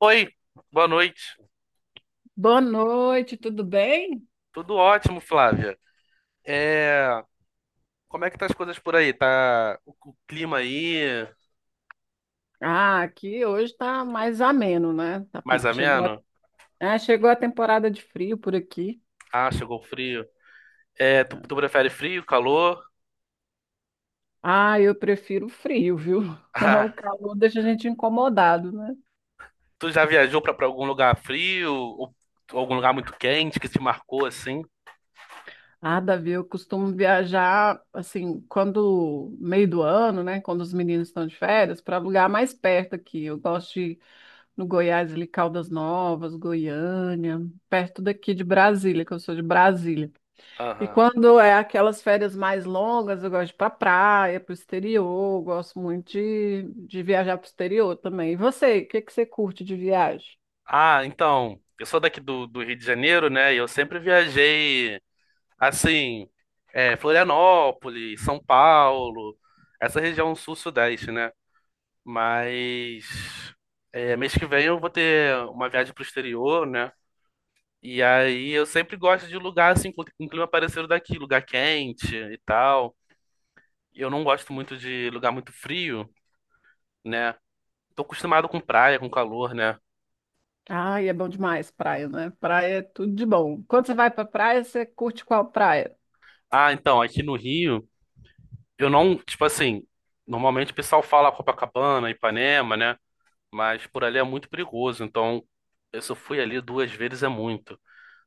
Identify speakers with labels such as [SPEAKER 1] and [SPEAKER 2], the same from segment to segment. [SPEAKER 1] Oi, boa noite.
[SPEAKER 2] Boa noite, tudo bem?
[SPEAKER 1] Tudo ótimo, Flávia. É, como é que tá as coisas por aí? Tá o clima aí
[SPEAKER 2] Ah, aqui hoje tá mais ameno, né?
[SPEAKER 1] mais
[SPEAKER 2] Chegou a,
[SPEAKER 1] ameno?
[SPEAKER 2] Chegou a temporada de frio por aqui.
[SPEAKER 1] Ah, chegou o frio. Tu prefere frio, calor?
[SPEAKER 2] Ah, eu prefiro o frio, viu? O
[SPEAKER 1] Ah,
[SPEAKER 2] calor deixa a gente incomodado, né?
[SPEAKER 1] tu já viajou pra algum lugar frio ou algum lugar muito quente que te marcou assim?
[SPEAKER 2] Ah, Davi, eu costumo viajar assim, quando meio do ano, né? Quando os meninos estão de férias, para lugar mais perto aqui. Eu gosto de ir no Goiás, ali, Caldas Novas, Goiânia, perto daqui de Brasília, que eu sou de Brasília. E
[SPEAKER 1] Aham.
[SPEAKER 2] quando é aquelas férias mais longas, eu gosto de ir para praia, para o exterior, eu gosto muito de viajar para o exterior também. E você, o que que você curte de viagem?
[SPEAKER 1] Ah, então, eu sou daqui do Rio de Janeiro, né? E eu sempre viajei assim, Florianópolis, São Paulo, essa região sul-sudeste, né? Mas mês que vem eu vou ter uma viagem pro exterior, né? E aí eu sempre gosto de lugar assim, com clima parecido daqui, lugar quente e tal. Eu não gosto muito de lugar muito frio, né? Tô acostumado com praia, com calor, né?
[SPEAKER 2] Ai, é bom demais praia, né? Praia é tudo de bom. Quando você vai para praia, você curte qual praia?
[SPEAKER 1] Ah, então, aqui no Rio, eu não, tipo assim, normalmente o pessoal fala Copacabana, Ipanema, né? Mas por ali é muito perigoso, então eu só fui ali duas vezes é muito.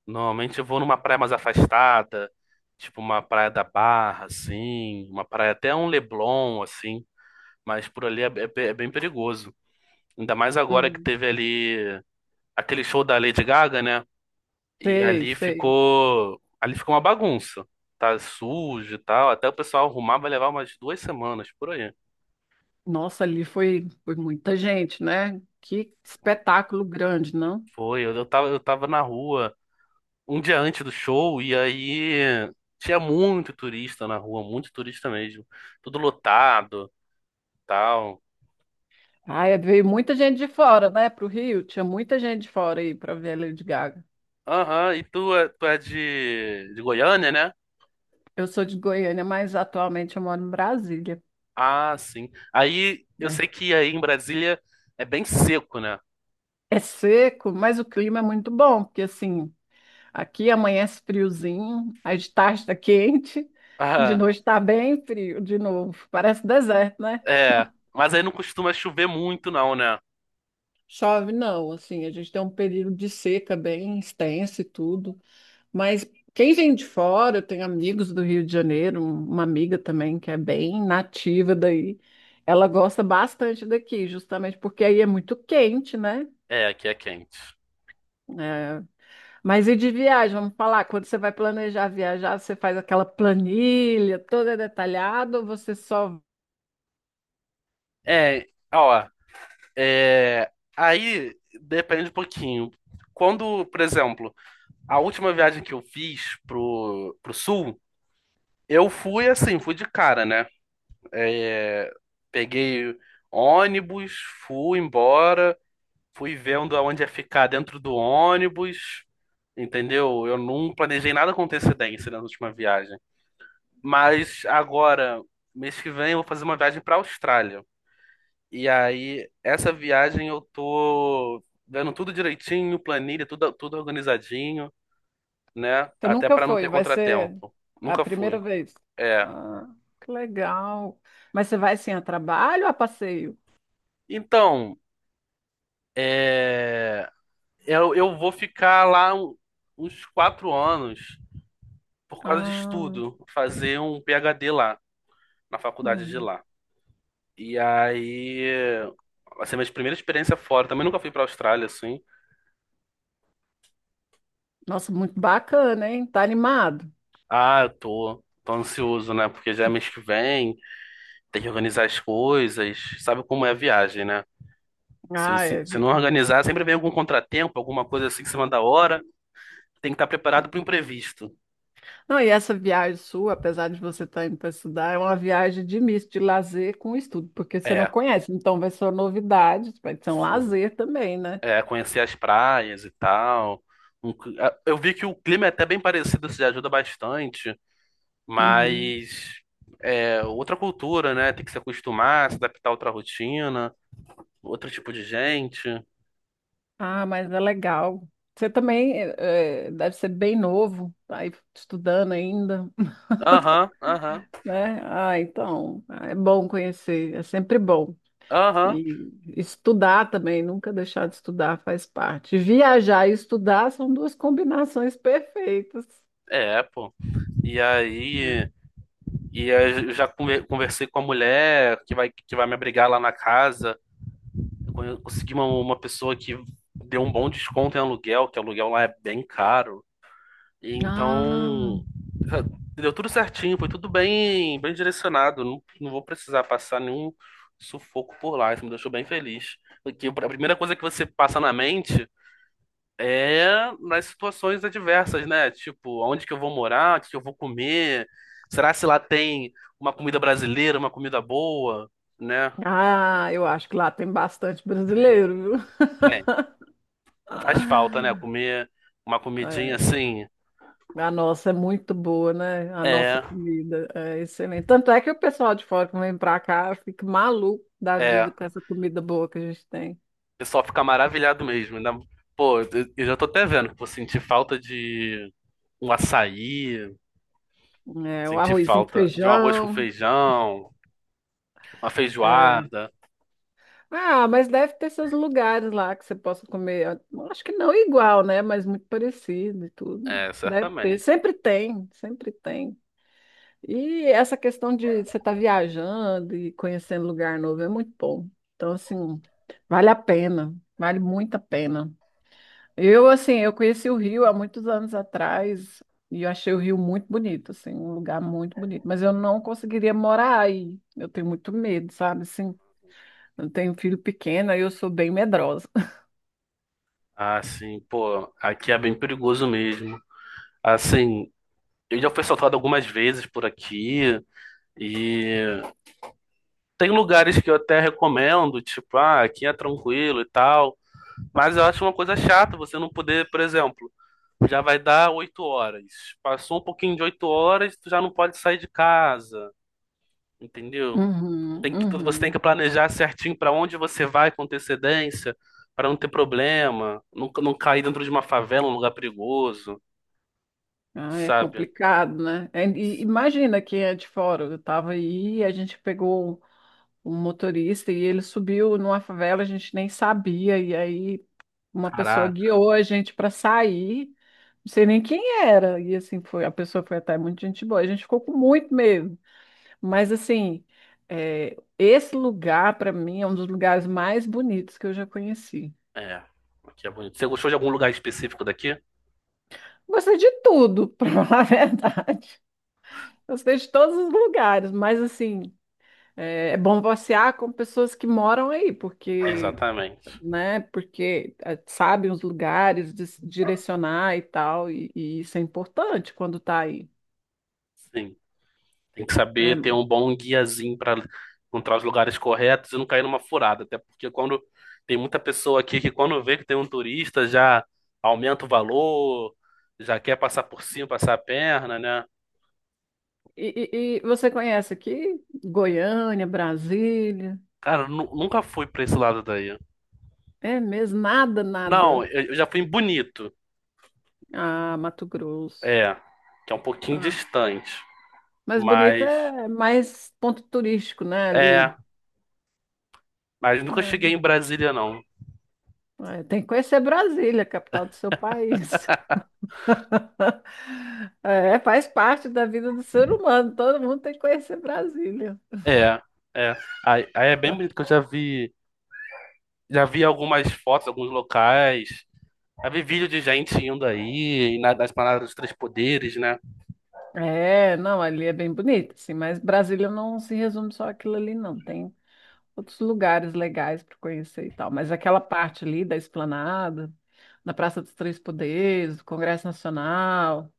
[SPEAKER 1] Normalmente eu vou numa praia mais afastada, tipo uma praia da Barra, assim, uma praia até um Leblon, assim, mas por ali é bem perigoso. Ainda mais agora que
[SPEAKER 2] Hum,
[SPEAKER 1] teve ali aquele show da Lady Gaga, né? E
[SPEAKER 2] sei, sei.
[SPEAKER 1] ali ficou uma bagunça. Tá sujo e tal, até o pessoal arrumar vai levar umas 2 semanas por aí.
[SPEAKER 2] Nossa, ali foi muita gente, né? Que espetáculo grande, não?
[SPEAKER 1] Foi, eu tava na rua um dia antes do show e aí tinha muito turista na rua, muito turista mesmo, tudo lotado. Tal.
[SPEAKER 2] Ai, veio muita gente de fora, né? Pro Rio, tinha muita gente de fora aí para ver a Lady Gaga.
[SPEAKER 1] Aham, e tu é de Goiânia, né?
[SPEAKER 2] Eu sou de Goiânia, mas atualmente eu moro em Brasília,
[SPEAKER 1] Ah, sim. Aí eu sei
[SPEAKER 2] né?
[SPEAKER 1] que aí em Brasília é bem seco, né?
[SPEAKER 2] É seco, mas o clima é muito bom, porque assim, aqui amanhece friozinho, aí de tarde está quente, e de
[SPEAKER 1] Ah,
[SPEAKER 2] noite está bem frio de novo. Parece deserto, né?
[SPEAKER 1] é. Mas aí não costuma chover muito, não, né?
[SPEAKER 2] Chove não, assim, a gente tem um período de seca bem extenso e tudo, mas quem vem de fora, eu tenho amigos do Rio de Janeiro, uma amiga também que é bem nativa daí, ela gosta bastante daqui, justamente porque aí é muito quente, né?
[SPEAKER 1] É, aqui é quente.
[SPEAKER 2] É, mas e de viagem, vamos falar, quando você vai planejar viajar, você faz aquela planilha toda detalhada ou você só...
[SPEAKER 1] É, ó, é, aí depende um pouquinho. Quando, por exemplo, a última viagem que eu fiz pro sul, eu fui assim, fui de cara, né? É, Peguei ônibus, fui embora. Fui vendo aonde ia ficar dentro do ônibus, entendeu? Eu não planejei nada com antecedência, né, na última viagem. Mas agora, mês que vem, eu vou fazer uma viagem para a Austrália. E aí, essa viagem eu tô vendo tudo direitinho, planilha, tudo, tudo organizadinho, né?
[SPEAKER 2] Você
[SPEAKER 1] Até
[SPEAKER 2] nunca
[SPEAKER 1] para não
[SPEAKER 2] foi,
[SPEAKER 1] ter
[SPEAKER 2] vai ser
[SPEAKER 1] contratempo.
[SPEAKER 2] a
[SPEAKER 1] Nunca
[SPEAKER 2] primeira
[SPEAKER 1] fui.
[SPEAKER 2] vez.
[SPEAKER 1] É.
[SPEAKER 2] Ah, que legal. Mas você vai assim a trabalho ou a passeio?
[SPEAKER 1] Então, é... eu vou ficar lá uns 4 anos por causa de
[SPEAKER 2] Ah,
[SPEAKER 1] estudo, fazer um PhD lá, na faculdade de
[SPEAKER 2] hum.
[SPEAKER 1] lá. E aí, assim, minha primeira experiência fora, também nunca fui pra Austrália, assim.
[SPEAKER 2] Nossa, muito bacana, hein? Tá animado?
[SPEAKER 1] Ah, eu tô, tô ansioso, né? Porque já é mês que vem, tem que organizar as coisas, sabe como é a viagem, né?
[SPEAKER 2] Ah, é.
[SPEAKER 1] Se não organizar, sempre vem algum contratempo, alguma coisa assim em cima da hora, tem que estar preparado para o imprevisto.
[SPEAKER 2] Não, e essa viagem sua, apesar de você estar indo para estudar, é uma viagem de misto, de lazer com estudo, porque você não
[SPEAKER 1] É,
[SPEAKER 2] conhece, então vai ser uma novidade, vai ser um
[SPEAKER 1] sim.
[SPEAKER 2] lazer também, né?
[SPEAKER 1] É, conhecer as praias e tal. Eu vi que o clima é até bem parecido, isso já ajuda bastante.
[SPEAKER 2] Uhum.
[SPEAKER 1] Mas é outra cultura, né? Tem que se acostumar, se adaptar a outra rotina, outro tipo de gente.
[SPEAKER 2] Ah, mas é legal. Você também deve ser bem novo, tá aí estudando ainda,
[SPEAKER 1] Aham, aham,
[SPEAKER 2] né? Ah, então, ah, é bom conhecer, é sempre bom.
[SPEAKER 1] aham.
[SPEAKER 2] E estudar também, nunca deixar de estudar faz parte. Viajar e estudar são duas combinações perfeitas,
[SPEAKER 1] É, pô. E
[SPEAKER 2] né?
[SPEAKER 1] aí, e aí eu já conversei com a mulher que vai me abrigar lá na casa. Eu consegui uma pessoa que deu um bom desconto em aluguel, que aluguel lá é bem caro. E
[SPEAKER 2] Ah,
[SPEAKER 1] então, deu tudo certinho, foi tudo bem, bem direcionado. Não, não vou precisar passar nenhum sufoco por lá. Isso me deixou bem feliz. Porque a primeira coisa que você passa na mente é nas situações adversas, né? Tipo, onde que eu vou morar? O que que eu vou comer? Será se lá tem uma comida brasileira, uma comida boa, né?
[SPEAKER 2] Ah, eu acho que lá tem bastante
[SPEAKER 1] Tem,
[SPEAKER 2] brasileiro, viu?
[SPEAKER 1] tem. Faz falta, né?
[SPEAKER 2] Ah,
[SPEAKER 1] Comer uma comidinha
[SPEAKER 2] é.
[SPEAKER 1] assim.
[SPEAKER 2] A nossa é muito boa, né? A nossa
[SPEAKER 1] É,
[SPEAKER 2] comida é excelente. Tanto é que o pessoal de fora que vem pra cá fica maluco da
[SPEAKER 1] é.
[SPEAKER 2] vida com essa comida boa que a gente tem.
[SPEAKER 1] Eu só ficar maravilhado mesmo. Pô, eu já tô até vendo que vou sentir falta de um açaí,
[SPEAKER 2] É, o
[SPEAKER 1] sentir
[SPEAKER 2] arrozinho com
[SPEAKER 1] falta de um arroz com
[SPEAKER 2] feijão.
[SPEAKER 1] feijão, uma
[SPEAKER 2] É.
[SPEAKER 1] feijoada.
[SPEAKER 2] Ah, mas deve ter seus lugares lá que você possa comer. Eu acho que não igual, né? Mas muito parecido e tudo.
[SPEAKER 1] É,
[SPEAKER 2] Deve ter.
[SPEAKER 1] certamente.
[SPEAKER 2] Sempre tem, sempre tem. E essa questão de você estar viajando e conhecendo lugar novo é muito bom. Então, assim, vale a pena, vale muito a pena. Eu, assim, eu conheci o Rio há muitos anos atrás e eu achei o Rio muito bonito, assim, um lugar muito bonito. Mas eu não conseguiria morar aí. Eu tenho muito medo, sabe? Assim, eu tenho um filho pequeno, aí eu sou bem medrosa.
[SPEAKER 1] Ah, sim, pô, aqui é bem perigoso mesmo. Assim, eu já fui assaltado algumas vezes por aqui e tem lugares que eu até recomendo, tipo, ah, aqui é tranquilo e tal, mas eu acho uma coisa chata você não poder, por exemplo. Já vai dar 8 horas. Passou um pouquinho de 8 horas, tu já não pode sair de casa, entendeu?
[SPEAKER 2] Uhum,
[SPEAKER 1] Você tem
[SPEAKER 2] uhum.
[SPEAKER 1] que planejar certinho para onde você vai com antecedência, para não ter problema, não, não cair dentro de uma favela, um lugar perigoso,
[SPEAKER 2] Ah, é
[SPEAKER 1] sabe?
[SPEAKER 2] complicado, né? É, e imagina quem é de fora. Eu estava aí, e a gente pegou um motorista e ele subiu numa favela, a gente nem sabia, e aí uma pessoa
[SPEAKER 1] Caraca,
[SPEAKER 2] guiou a gente para sair, não sei nem quem era, e assim foi, a pessoa foi até muito gente boa, a gente ficou com muito medo, mas assim, é, esse lugar para mim é um dos lugares mais bonitos que eu já conheci.
[SPEAKER 1] é. Aqui é bonito. Você gostou de algum lugar específico daqui?
[SPEAKER 2] Gostei de tudo, para falar a verdade. Gostei de todos os lugares, mas assim, é bom passear com pessoas que moram aí, porque
[SPEAKER 1] Exatamente.
[SPEAKER 2] né? Porque eh, sabe os lugares, direcionar e tal, e isso é importante quando está aí,
[SPEAKER 1] Sim. Tem que saber ter
[SPEAKER 2] né?
[SPEAKER 1] um bom guiazinho para encontrar os lugares corretos e não cair numa furada. Até porque quando tem muita pessoa aqui que quando vê que tem um turista já aumenta o valor, já quer passar por cima, passar a perna, né?
[SPEAKER 2] E, e você conhece aqui Goiânia, Brasília?
[SPEAKER 1] Cara, eu nunca fui para esse lado daí.
[SPEAKER 2] É mesmo? Nada,
[SPEAKER 1] Não,
[SPEAKER 2] nada.
[SPEAKER 1] eu já fui em Bonito,
[SPEAKER 2] Ah, Mato Grosso.
[SPEAKER 1] é, que é um pouquinho
[SPEAKER 2] Ah,
[SPEAKER 1] distante,
[SPEAKER 2] mas bonito
[SPEAKER 1] mas
[SPEAKER 2] é mais ponto turístico, né?
[SPEAKER 1] é,
[SPEAKER 2] Ali.
[SPEAKER 1] mas nunca
[SPEAKER 2] É,
[SPEAKER 1] cheguei em Brasília não.
[SPEAKER 2] é, tem que conhecer Brasília, a capital do seu país. É, faz parte da vida do ser humano. Todo mundo tem que conhecer Brasília.
[SPEAKER 1] É, é. Aí é bem bonito que eu já vi algumas fotos, alguns locais. Já vi vídeo de gente indo aí, nas palavras dos três poderes, né?
[SPEAKER 2] É, não, ali é bem bonito, assim, mas Brasília não se resume só aquilo ali, não. Tem outros lugares legais para conhecer e tal. Mas aquela parte ali da Esplanada, da Praça dos Três Poderes, do Congresso Nacional,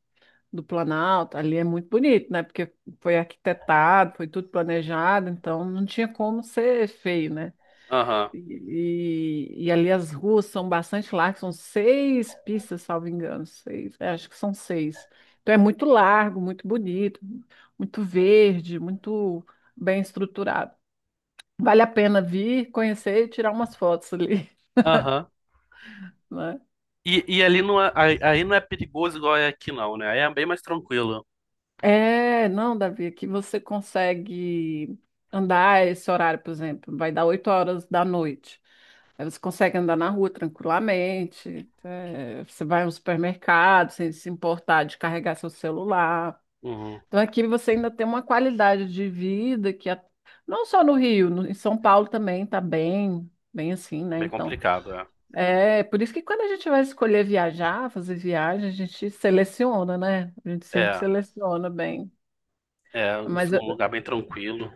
[SPEAKER 2] do Planalto, ali é muito bonito, né? Porque foi arquitetado, foi tudo planejado, então não tinha como ser feio, né?
[SPEAKER 1] Aham,
[SPEAKER 2] E ali as ruas são bastante largas, são 6 pistas, salvo engano, seis, é, acho que são seis. Então é muito largo, muito bonito, muito verde, muito bem estruturado. Vale a pena vir, conhecer e tirar umas fotos ali,
[SPEAKER 1] aham.
[SPEAKER 2] né?
[SPEAKER 1] E ali não é, aí não é perigoso igual é aqui, não, né? Aí é bem mais tranquilo.
[SPEAKER 2] É, não, Davi, aqui você consegue andar esse horário, por exemplo, vai dar 8 horas da noite. Aí você consegue andar na rua tranquilamente, eh, você vai a um supermercado sem se importar de carregar seu celular.
[SPEAKER 1] Uhum.
[SPEAKER 2] Então aqui você ainda tem uma qualidade de vida não só no Rio, em São Paulo também está bem, bem assim, né?
[SPEAKER 1] Bem
[SPEAKER 2] Então
[SPEAKER 1] complicado, é.
[SPEAKER 2] é por isso que quando a gente vai escolher viajar, fazer viagem, a gente seleciona, né? A gente sempre
[SPEAKER 1] É,
[SPEAKER 2] seleciona bem.
[SPEAKER 1] é um
[SPEAKER 2] Mas
[SPEAKER 1] um lugar bem tranquilo.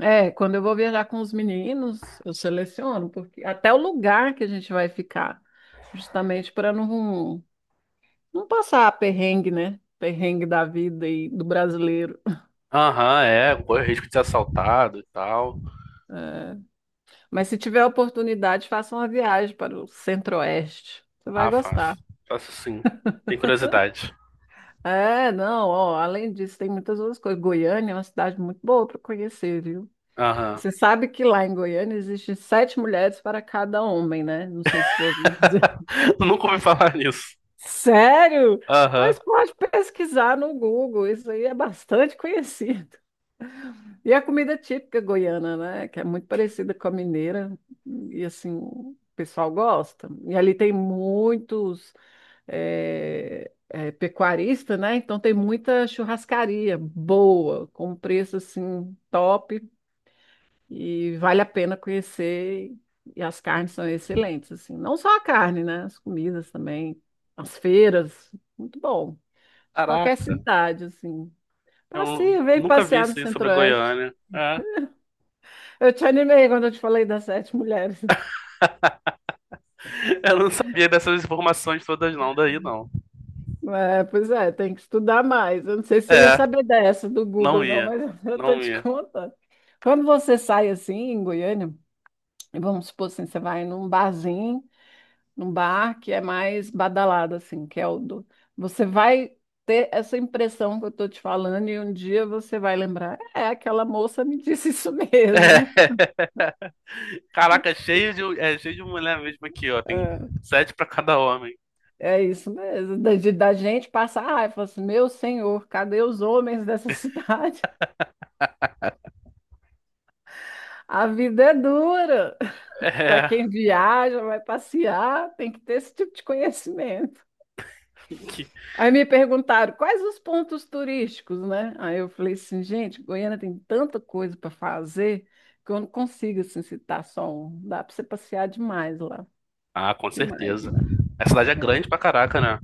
[SPEAKER 2] é, quando eu vou viajar com os meninos, eu seleciono, porque até o lugar que a gente vai ficar, justamente para não, não passar perrengue, né? Perrengue da vida e do brasileiro.
[SPEAKER 1] Aham, é. Corre o risco de ser assaltado e tal.
[SPEAKER 2] É. Mas se tiver oportunidade, faça uma viagem para o Centro-Oeste. Você vai
[SPEAKER 1] Ah, fácil.
[SPEAKER 2] gostar.
[SPEAKER 1] Fácil sim. Tem curiosidade.
[SPEAKER 2] É, não, ó, além disso, tem muitas outras coisas. Goiânia é uma cidade muito boa para conhecer, viu?
[SPEAKER 1] Aham.
[SPEAKER 2] Você sabe que lá em Goiânia existem 7 mulheres para cada homem, né? Não sei se já ouviu dizer.
[SPEAKER 1] Nunca ouvi falar nisso.
[SPEAKER 2] Sério?
[SPEAKER 1] Aham.
[SPEAKER 2] Pois pode pesquisar no Google, isso aí é bastante conhecido. E a comida típica goiana, né? Que é muito parecida com a mineira, e assim, o pessoal gosta. E ali tem muitos pecuaristas, né? Então tem muita churrascaria boa, com um preço assim top, e vale a pena conhecer. E as carnes são excelentes, assim. Não só a carne, né? As comidas também, as feiras, muito bom de qualquer
[SPEAKER 1] Caraca.
[SPEAKER 2] cidade, assim.
[SPEAKER 1] Eu
[SPEAKER 2] Passeio, vem
[SPEAKER 1] nunca vi
[SPEAKER 2] passear no
[SPEAKER 1] isso aí sobre
[SPEAKER 2] Centro-Oeste.
[SPEAKER 1] Goiânia. É.
[SPEAKER 2] Eu te animei quando eu te falei das 7 mulheres, né?
[SPEAKER 1] Eu não sabia dessas informações todas não, daí não.
[SPEAKER 2] É, pois é, tem que estudar mais. Eu não sei se você ia
[SPEAKER 1] É,
[SPEAKER 2] saber dessa do
[SPEAKER 1] não
[SPEAKER 2] Google, não,
[SPEAKER 1] ia.
[SPEAKER 2] mas eu tô
[SPEAKER 1] Não
[SPEAKER 2] te
[SPEAKER 1] ia.
[SPEAKER 2] contando. Quando você sai assim em Goiânia, e vamos supor assim, você vai num barzinho, num bar que é mais badalado, assim, que é o do. Você vai ter essa impressão que eu tô te falando, e um dia você vai lembrar, é, aquela moça me disse isso
[SPEAKER 1] É.
[SPEAKER 2] mesmo.
[SPEAKER 1] Caraca, cheio de, é, cheio de mulher mesmo aqui, ó. Tem 7 pra cada homem.
[SPEAKER 2] É isso mesmo, da gente passar raiva, falar assim, meu senhor, cadê os homens dessa cidade? A vida é dura. Para
[SPEAKER 1] É.
[SPEAKER 2] quem viaja, vai passear, tem que ter esse tipo de conhecimento.
[SPEAKER 1] Que-
[SPEAKER 2] Aí me perguntaram quais os pontos turísticos, né? Aí eu falei assim, gente, Goiânia tem tanta coisa para fazer que eu não consigo assim, citar só um. Dá para você passear demais lá,
[SPEAKER 1] Ah, com
[SPEAKER 2] demais,
[SPEAKER 1] certeza.
[SPEAKER 2] né?
[SPEAKER 1] A cidade é
[SPEAKER 2] É.
[SPEAKER 1] grande pra caraca, né?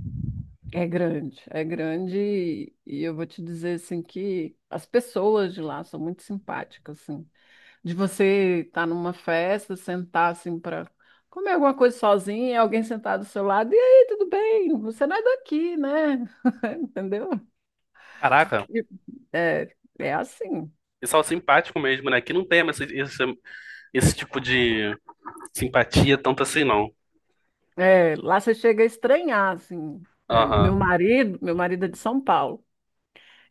[SPEAKER 2] É grande e eu vou te dizer assim que as pessoas de lá são muito simpáticas assim. De você estar numa festa, sentar assim para comer alguma coisa sozinha, e alguém sentar do seu lado, e aí, tudo bem? Você não é daqui, né? Entendeu?
[SPEAKER 1] Caraca,
[SPEAKER 2] E- É, é assim.
[SPEAKER 1] pessoal simpático mesmo, né? Aqui não tem esse tipo de simpatia tanto assim, não.
[SPEAKER 2] É, lá você chega a estranhar assim. É,
[SPEAKER 1] Aham.
[SPEAKER 2] meu marido é de São Paulo.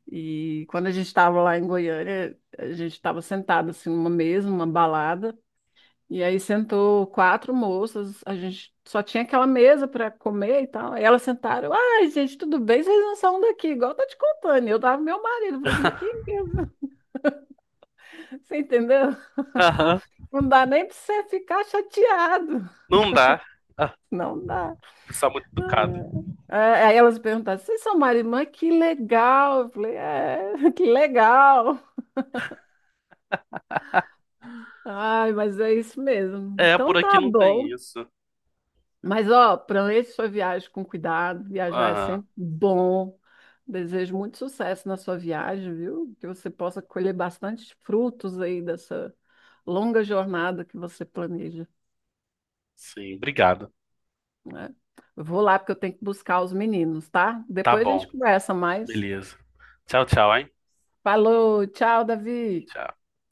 [SPEAKER 2] E quando a gente estava lá em Goiânia, a gente estava sentado assim numa mesa, numa balada. E aí sentou 4 moças, a gente só tinha aquela mesa para comer e tal. Aí elas sentaram, ai, gente, tudo bem, vocês não são daqui, igual eu tô te contando. E eu tava com meu marido, eu falei, mas que. Você entendeu?
[SPEAKER 1] Aham.
[SPEAKER 2] Não dá nem para você ficar chateado.
[SPEAKER 1] Não dá. Ah,
[SPEAKER 2] Não dá.
[SPEAKER 1] pessoal muito educado.
[SPEAKER 2] É, aí elas perguntaram, vocês são marido e mãe? Que legal. Eu falei, é, que legal. Ai, mas é isso mesmo.
[SPEAKER 1] É, por
[SPEAKER 2] Então tá
[SPEAKER 1] aqui não tem
[SPEAKER 2] bom.
[SPEAKER 1] isso.
[SPEAKER 2] Mas, ó, planeje sua viagem com cuidado. Viajar é
[SPEAKER 1] Aham.
[SPEAKER 2] sempre bom. Desejo muito sucesso na sua viagem, viu? Que você possa colher bastante frutos aí dessa longa jornada que você planeja,
[SPEAKER 1] Sim, obrigado.
[SPEAKER 2] né? Eu vou lá porque eu tenho que buscar os meninos, tá?
[SPEAKER 1] Tá
[SPEAKER 2] Depois a gente
[SPEAKER 1] bom.
[SPEAKER 2] conversa mais.
[SPEAKER 1] Beleza. Tchau, tchau, hein?
[SPEAKER 2] Falou, tchau, Davi.
[SPEAKER 1] Tchau.